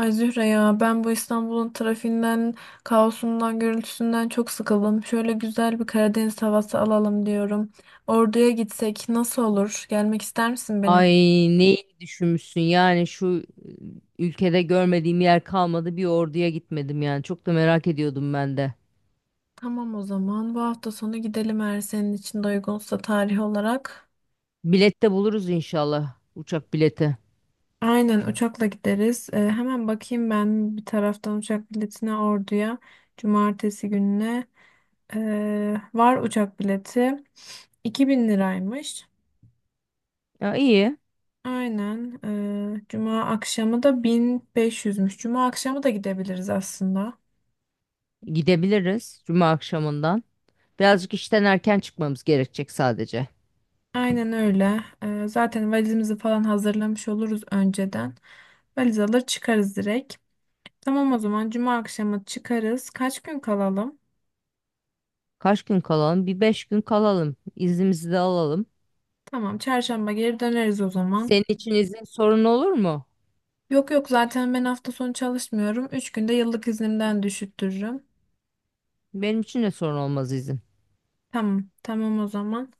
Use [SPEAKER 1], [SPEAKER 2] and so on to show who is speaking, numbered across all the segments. [SPEAKER 1] Ay Zühre ya ben bu İstanbul'un trafiğinden, kaosundan, gürültüsünden çok sıkıldım. Şöyle güzel bir Karadeniz havası alalım diyorum. Ordu'ya gitsek nasıl olur? Gelmek ister misin
[SPEAKER 2] Ay
[SPEAKER 1] benim?
[SPEAKER 2] neyi düşünmüşsün yani ülkede görmediğim yer kalmadı bir orduya gitmedim yani çok da merak ediyordum ben de.
[SPEAKER 1] Tamam, o zaman bu hafta sonu gidelim, eğer senin için de uygunsa tarih olarak.
[SPEAKER 2] Bilet de buluruz inşallah uçak bileti.
[SPEAKER 1] Aynen, uçakla gideriz. Hemen bakayım ben bir taraftan uçak biletine Ordu'ya. Cumartesi gününe var uçak bileti. 2.000 liraymış.
[SPEAKER 2] Ya iyi
[SPEAKER 1] Aynen. Cuma akşamı da 1500'müş. Cuma akşamı da gidebiliriz aslında.
[SPEAKER 2] gidebiliriz cuma akşamından. Birazcık işten erken çıkmamız gerekecek sadece.
[SPEAKER 1] Aynen öyle. Zaten valizimizi falan hazırlamış oluruz önceden. Valiz alır çıkarız direkt. Tamam, o zaman Cuma akşamı çıkarız. Kaç gün kalalım?
[SPEAKER 2] Kaç gün kalalım? Bir 5 gün kalalım. İznimizi de alalım.
[SPEAKER 1] Tamam, Çarşamba geri döneriz o zaman.
[SPEAKER 2] Senin için izin sorun olur mu?
[SPEAKER 1] Yok yok, zaten ben hafta sonu çalışmıyorum. 3 günde yıllık iznimden düşüttürürüm.
[SPEAKER 2] Benim için de sorun olmaz izin.
[SPEAKER 1] Tamam, tamam o zaman.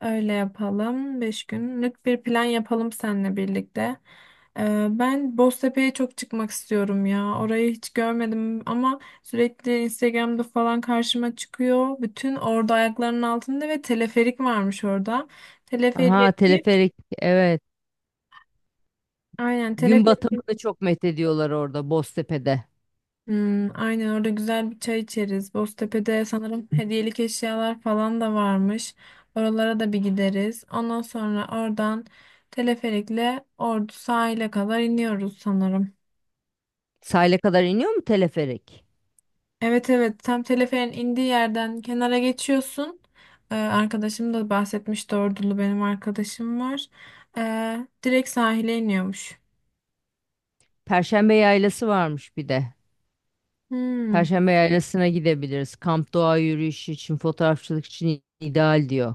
[SPEAKER 1] Öyle yapalım. 5 günlük bir plan yapalım seninle birlikte. Ben Boztepe'ye çok çıkmak istiyorum ya. Orayı hiç görmedim ama sürekli Instagram'da falan karşıma çıkıyor. Bütün orada ayaklarının altında ve teleferik varmış orada. Teleferiğe
[SPEAKER 2] Aha
[SPEAKER 1] binip,
[SPEAKER 2] teleferik evet.
[SPEAKER 1] aynen,
[SPEAKER 2] Gün
[SPEAKER 1] teleferiğe.
[SPEAKER 2] batımını çok methediyorlar orada Boztepe'de.
[SPEAKER 1] Aynen, orada güzel bir çay içeriz. Boztepe'de sanırım hediyelik eşyalar falan da varmış. Oralara da bir gideriz. Ondan sonra oradan teleferikle Ordu sahile kadar iniyoruz sanırım.
[SPEAKER 2] Sahile kadar iniyor mu teleferik?
[SPEAKER 1] Evet evet, tam teleferin indiği yerden kenara geçiyorsun. Arkadaşım da bahsetmişti, Ordulu benim arkadaşım var. Direkt sahile iniyormuş.
[SPEAKER 2] Perşembe yaylası varmış bir de.
[SPEAKER 1] Hmm,
[SPEAKER 2] Perşembe yaylasına gidebiliriz. Kamp doğa yürüyüşü için, fotoğrafçılık için ideal diyor.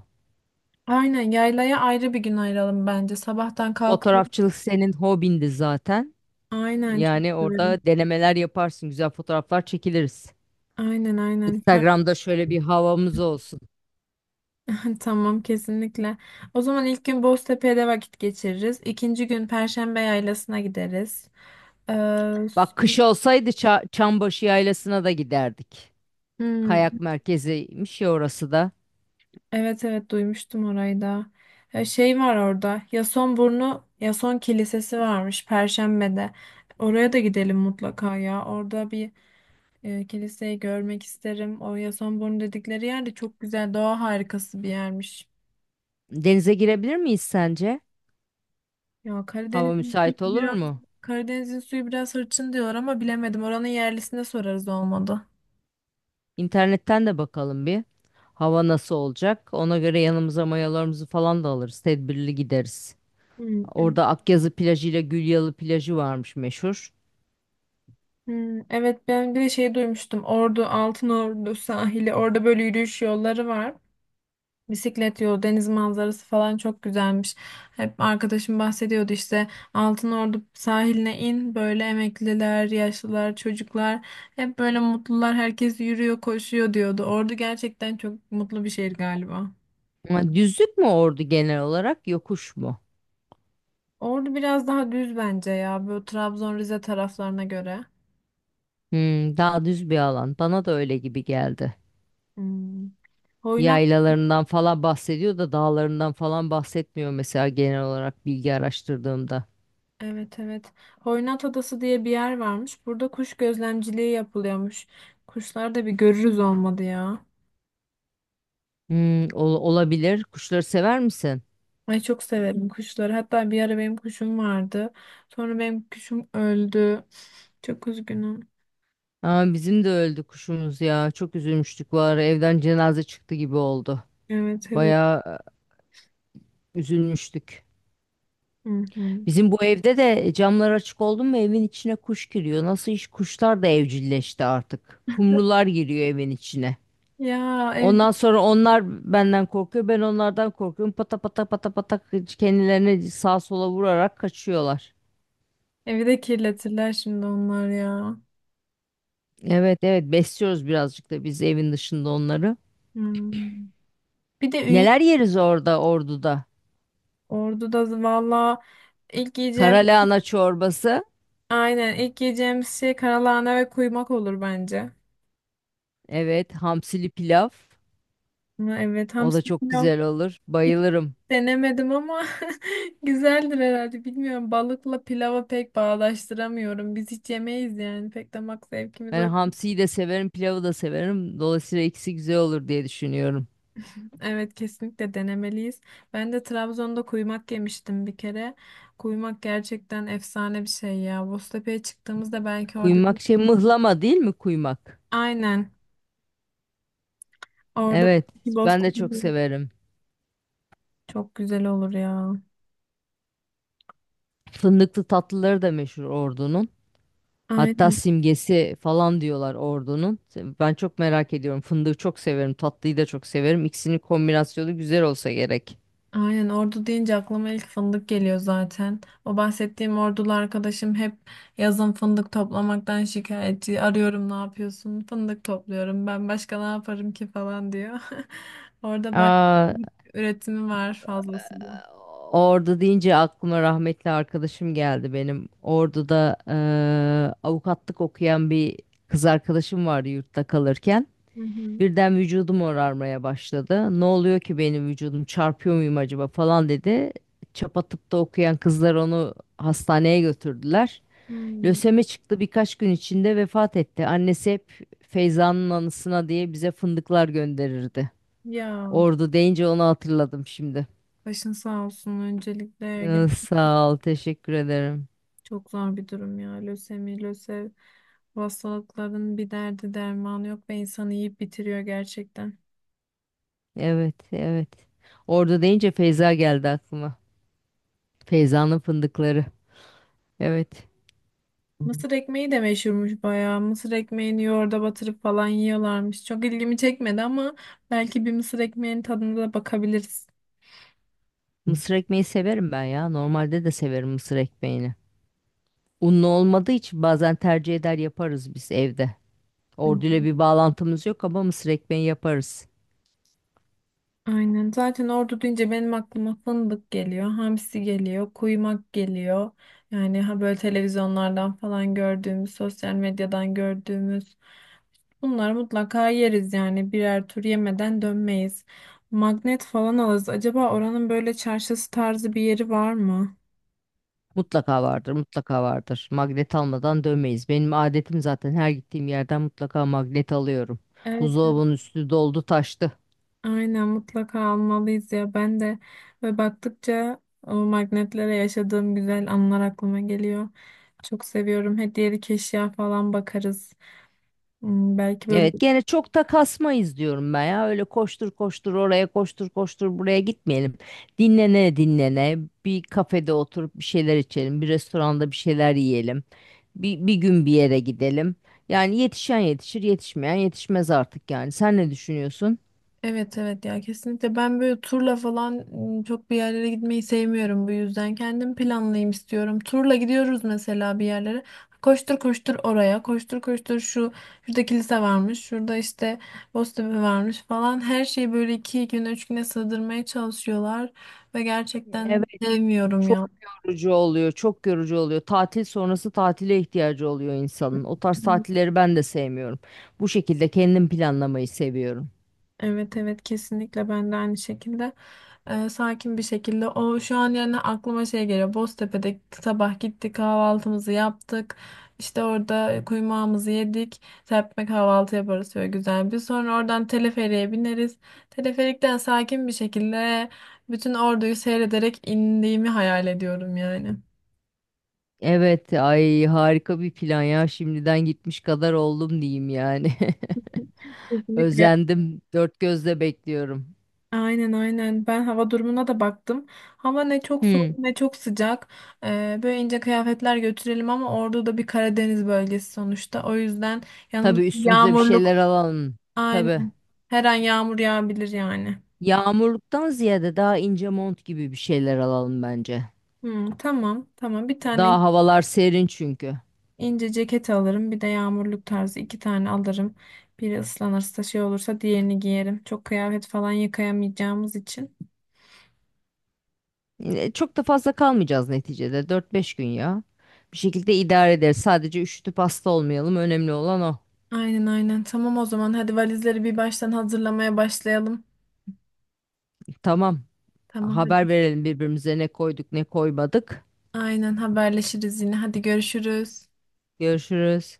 [SPEAKER 1] aynen yaylaya ayrı bir gün ayıralım bence. Sabahtan kalkalım.
[SPEAKER 2] Fotoğrafçılık senin hobindi zaten.
[SPEAKER 1] Aynen, çok
[SPEAKER 2] Yani
[SPEAKER 1] severim.
[SPEAKER 2] orada denemeler yaparsın, güzel fotoğraflar çekiliriz.
[SPEAKER 1] Aynen aynen.
[SPEAKER 2] Instagram'da şöyle bir havamız olsun.
[SPEAKER 1] Tamam, kesinlikle. O zaman ilk gün Boztepe'de vakit geçiririz. İkinci gün Perşembe Yaylası'na gideriz. Ee,
[SPEAKER 2] Bak
[SPEAKER 1] s-
[SPEAKER 2] kış olsaydı Çambaşı Yaylası'na da giderdik.
[SPEAKER 1] hmm,
[SPEAKER 2] Kayak merkeziymiş ya orası da.
[SPEAKER 1] evet evet, duymuştum orayı da. Şey var orada. Yasonburnu, Yason Kilisesi varmış Perşembe'de. Oraya da gidelim mutlaka ya. Orada bir kiliseyi görmek isterim. O Yasonburnu dedikleri yer de çok güzel, doğa harikası bir yermiş.
[SPEAKER 2] Denize girebilir miyiz sence?
[SPEAKER 1] Ya
[SPEAKER 2] Hava
[SPEAKER 1] Karadeniz'in suyu
[SPEAKER 2] müsait olur
[SPEAKER 1] biraz
[SPEAKER 2] mu?
[SPEAKER 1] Karadeniz'in suyu biraz hırçın diyor ama bilemedim. Oranın yerlisine sorarız olmadı.
[SPEAKER 2] İnternetten de bakalım bir. Hava nasıl olacak? Ona göre yanımıza mayalarımızı falan da alırız. Tedbirli gideriz.
[SPEAKER 1] Evet.
[SPEAKER 2] Orada Akyazı plajı ile Gülyalı plajı varmış meşhur.
[SPEAKER 1] Evet, ben bir de şey duymuştum. Ordu, Altınordu sahili. Orada böyle yürüyüş yolları var. Bisiklet yolu, deniz manzarası falan çok güzelmiş. Hep arkadaşım bahsediyordu işte, Altınordu sahiline in, böyle emekliler, yaşlılar, çocuklar hep böyle mutlular, herkes yürüyor, koşuyor diyordu. Ordu gerçekten çok mutlu bir şehir galiba.
[SPEAKER 2] Ama düzlük mü ordu genel olarak yokuş mu?
[SPEAKER 1] Ordu biraz daha düz bence ya. Böyle Trabzon, Rize taraflarına göre.
[SPEAKER 2] Hmm, daha düz bir alan. Bana da öyle gibi geldi.
[SPEAKER 1] Hmm. Hoynat,
[SPEAKER 2] Yaylalarından falan bahsediyor da dağlarından falan bahsetmiyor mesela genel olarak bilgi araştırdığımda.
[SPEAKER 1] evet evet. Hoynat Adası diye bir yer varmış. Burada kuş gözlemciliği yapılıyormuş. Kuşlar da bir görürüz olmadı ya.
[SPEAKER 2] Hmm, olabilir. Kuşları sever misin?
[SPEAKER 1] Ay, çok severim kuşları. Hatta bir ara benim kuşum vardı. Sonra benim kuşum öldü. Çok üzgünüm.
[SPEAKER 2] Aa, bizim de öldü kuşumuz ya. Çok üzülmüştük var. Evden cenaze çıktı gibi oldu.
[SPEAKER 1] Evet evet.
[SPEAKER 2] Bayağı üzülmüştük.
[SPEAKER 1] Hı hı.
[SPEAKER 2] Bizim bu evde de camlar açık oldu mu evin içine kuş giriyor. Nasıl iş kuşlar da evcilleşti artık. Kumrular giriyor evin içine.
[SPEAKER 1] Ya,
[SPEAKER 2] Ondan sonra onlar benden korkuyor. Ben onlardan korkuyorum. Pata pata pata pata kendilerini sağa sola vurarak kaçıyorlar.
[SPEAKER 1] evi de kirletirler şimdi onlar ya.
[SPEAKER 2] Evet, evet, besliyoruz birazcık da biz evin dışında onları.
[SPEAKER 1] Hmm. Bir de Ünye.
[SPEAKER 2] Neler yeriz orada Ordu'da?
[SPEAKER 1] Ordu'da valla ilk yiyeceğim...
[SPEAKER 2] Karalahana çorbası.
[SPEAKER 1] Aynen, ilk yiyeceğimiz şey karalahana ve kuymak olur bence.
[SPEAKER 2] Evet, hamsili pilav.
[SPEAKER 1] Ama evet,
[SPEAKER 2] O da
[SPEAKER 1] hamsi
[SPEAKER 2] çok
[SPEAKER 1] pilav
[SPEAKER 2] güzel olur.
[SPEAKER 1] hiç
[SPEAKER 2] Bayılırım.
[SPEAKER 1] denemedim ama güzeldir herhalde, bilmiyorum. Balıkla pilava pek bağdaştıramıyorum. Biz hiç yemeyiz yani, pek damak zevkimiz o.
[SPEAKER 2] Ben hamsiyi de severim, pilavı da severim. Dolayısıyla ikisi güzel olur diye düşünüyorum.
[SPEAKER 1] Evet, kesinlikle denemeliyiz. Ben de Trabzon'da kuymak yemiştim bir kere. Kuymak gerçekten efsane bir şey ya. Boztepe'ye çıktığımızda belki orada,
[SPEAKER 2] Kuymak şey mıhlama değil mi kuymak?
[SPEAKER 1] aynen, orada
[SPEAKER 2] Evet,
[SPEAKER 1] bir
[SPEAKER 2] ben
[SPEAKER 1] Boztepe
[SPEAKER 2] de çok severim.
[SPEAKER 1] çok güzel olur ya.
[SPEAKER 2] Fındıklı tatlıları da meşhur Ordu'nun. Hatta
[SPEAKER 1] Aynen.
[SPEAKER 2] simgesi falan diyorlar Ordu'nun. Ben çok merak ediyorum. Fındığı çok severim, tatlıyı da çok severim. İkisinin kombinasyonu güzel olsa gerek.
[SPEAKER 1] Aynen, Ordu deyince aklıma ilk fındık geliyor zaten. O bahsettiğim Ordulu arkadaşım hep yazın fındık toplamaktan şikayetçi. Arıyorum, ne yapıyorsun? Fındık topluyorum. Ben başka ne yaparım ki falan diyor. Orada bayağı
[SPEAKER 2] Aa,
[SPEAKER 1] fındık üretimi var fazlasıyla.
[SPEAKER 2] Ordu deyince aklıma rahmetli arkadaşım geldi benim. Ordu'da avukatlık okuyan bir kız arkadaşım vardı yurtta kalırken.
[SPEAKER 1] Hı hı.
[SPEAKER 2] Birden vücudum orarmaya başladı. Ne oluyor ki benim vücudum çarpıyor muyum acaba falan dedi. Çapa tıpta okuyan kızlar onu hastaneye götürdüler.
[SPEAKER 1] Hmm.
[SPEAKER 2] Lösemi çıktı birkaç gün içinde vefat etti. Annesi hep Feyza'nın anısına diye bize fındıklar gönderirdi.
[SPEAKER 1] Ya,
[SPEAKER 2] Ordu deyince onu hatırladım şimdi.
[SPEAKER 1] başın sağ olsun öncelikle.
[SPEAKER 2] Sağ ol, teşekkür ederim.
[SPEAKER 1] Çok zor bir durum ya. Lösemi, lösev, bu hastalıkların bir derdi dermanı yok ve insanı yiyip bitiriyor gerçekten.
[SPEAKER 2] Evet, evet. Orada deyince Feyza geldi aklıma. Feyza'nın fındıkları. Evet.
[SPEAKER 1] Mısır ekmeği de meşhurmuş bayağı. Mısır ekmeğini yoğurda batırıp falan yiyorlarmış. Çok ilgimi çekmedi ama belki bir mısır ekmeğinin tadına da bakabiliriz.
[SPEAKER 2] Mısır ekmeği severim ben ya. Normalde de severim mısır ekmeğini. Unlu olmadığı için bazen tercih eder yaparız biz evde.
[SPEAKER 1] Hı.
[SPEAKER 2] Orduyla bir bağlantımız yok ama mısır ekmeği yaparız.
[SPEAKER 1] Aynen. Zaten Ordu deyince benim aklıma fındık geliyor, hamsi geliyor, kuymak geliyor. Yani ha, böyle televizyonlardan falan gördüğümüz, sosyal medyadan gördüğümüz, bunları mutlaka yeriz yani, birer tur yemeden dönmeyiz. Magnet falan alırız. Acaba oranın böyle çarşısı tarzı bir yeri var mı?
[SPEAKER 2] Mutlaka vardır, mutlaka vardır. Magnet almadan dönmeyiz. Benim adetim zaten her gittiğim yerden mutlaka magnet alıyorum.
[SPEAKER 1] Evet.
[SPEAKER 2] Buzdolabının üstü doldu taştı.
[SPEAKER 1] Aynen, mutlaka almalıyız ya. Ben de. Ve baktıkça o magnetlere, yaşadığım güzel anılar aklıma geliyor. Çok seviyorum. Hediyelik eşya falan bakarız. Belki böyle.
[SPEAKER 2] Evet gene çok da kasmayız diyorum ben ya. Öyle koştur koştur oraya koştur koştur buraya gitmeyelim. Dinlene dinlene bir kafede oturup bir şeyler içelim. Bir restoranda bir şeyler yiyelim. Bir gün bir yere gidelim. Yani yetişen yetişir yetişmeyen yetişmez artık yani. Sen ne düşünüyorsun?
[SPEAKER 1] Evet evet, ya kesinlikle ben böyle turla falan çok bir yerlere gitmeyi sevmiyorum, bu yüzden kendim planlayayım istiyorum. Turla gidiyoruz mesela bir yerlere. Koştur koştur oraya, koştur koştur şurada, kilise varmış, şurada işte Boztepe varmış falan. Her şeyi böyle iki güne, üç güne sığdırmaya çalışıyorlar ve
[SPEAKER 2] Evet,
[SPEAKER 1] gerçekten sevmiyorum
[SPEAKER 2] çok
[SPEAKER 1] ya.
[SPEAKER 2] yorucu oluyor, çok yorucu oluyor. Tatil sonrası tatile ihtiyacı oluyor insanın. O tarz tatilleri ben de sevmiyorum. Bu şekilde kendim planlamayı seviyorum.
[SPEAKER 1] Evet evet, kesinlikle ben de aynı şekilde, sakin bir şekilde. O şu an yani aklıma şey geliyor, Boztepe'de sabah gittik, kahvaltımızı yaptık, işte orada kuymağımızı yedik, serpme kahvaltı yaparız şöyle güzel bir, sonra oradan teleferiğe bineriz, teleferikten sakin bir şekilde bütün Ordu'yu seyrederek indiğimi hayal ediyorum yani.
[SPEAKER 2] Evet, ay harika bir plan ya. Şimdiden gitmiş kadar oldum diyeyim yani.
[SPEAKER 1] Kesinlikle.
[SPEAKER 2] Özendim. Dört gözle bekliyorum.
[SPEAKER 1] Aynen aynen. Ben hava durumuna da baktım. Hava ne çok soğuk
[SPEAKER 2] Hmm.
[SPEAKER 1] ne çok sıcak. Böyle ince kıyafetler götürelim ama orada da bir Karadeniz bölgesi sonuçta. O yüzden yanımız
[SPEAKER 2] Tabii üstümüze bir
[SPEAKER 1] yağmurluk.
[SPEAKER 2] şeyler alalım. Tabii.
[SPEAKER 1] Aynen. Her an yağmur yağabilir yani.
[SPEAKER 2] Yağmurluktan ziyade daha ince mont gibi bir şeyler alalım bence.
[SPEAKER 1] Tamam tamam. Bir tane
[SPEAKER 2] Daha havalar serin çünkü.
[SPEAKER 1] İnce ceket alırım. Bir de yağmurluk tarzı iki tane alırım. Biri ıslanırsa, şey olursa, diğerini giyerim. Çok kıyafet falan yıkayamayacağımız için.
[SPEAKER 2] Yine çok da fazla kalmayacağız neticede. 4-5 gün ya. Bir şekilde idare ederiz. Sadece üşütüp hasta olmayalım. Önemli olan o.
[SPEAKER 1] Aynen aynen. Tamam, o zaman hadi valizleri bir baştan hazırlamaya başlayalım.
[SPEAKER 2] Tamam.
[SPEAKER 1] Tamam,
[SPEAKER 2] Haber
[SPEAKER 1] hadi.
[SPEAKER 2] verelim birbirimize ne koyduk ne koymadık.
[SPEAKER 1] Aynen, haberleşiriz yine. Hadi görüşürüz.
[SPEAKER 2] Görüşürüz.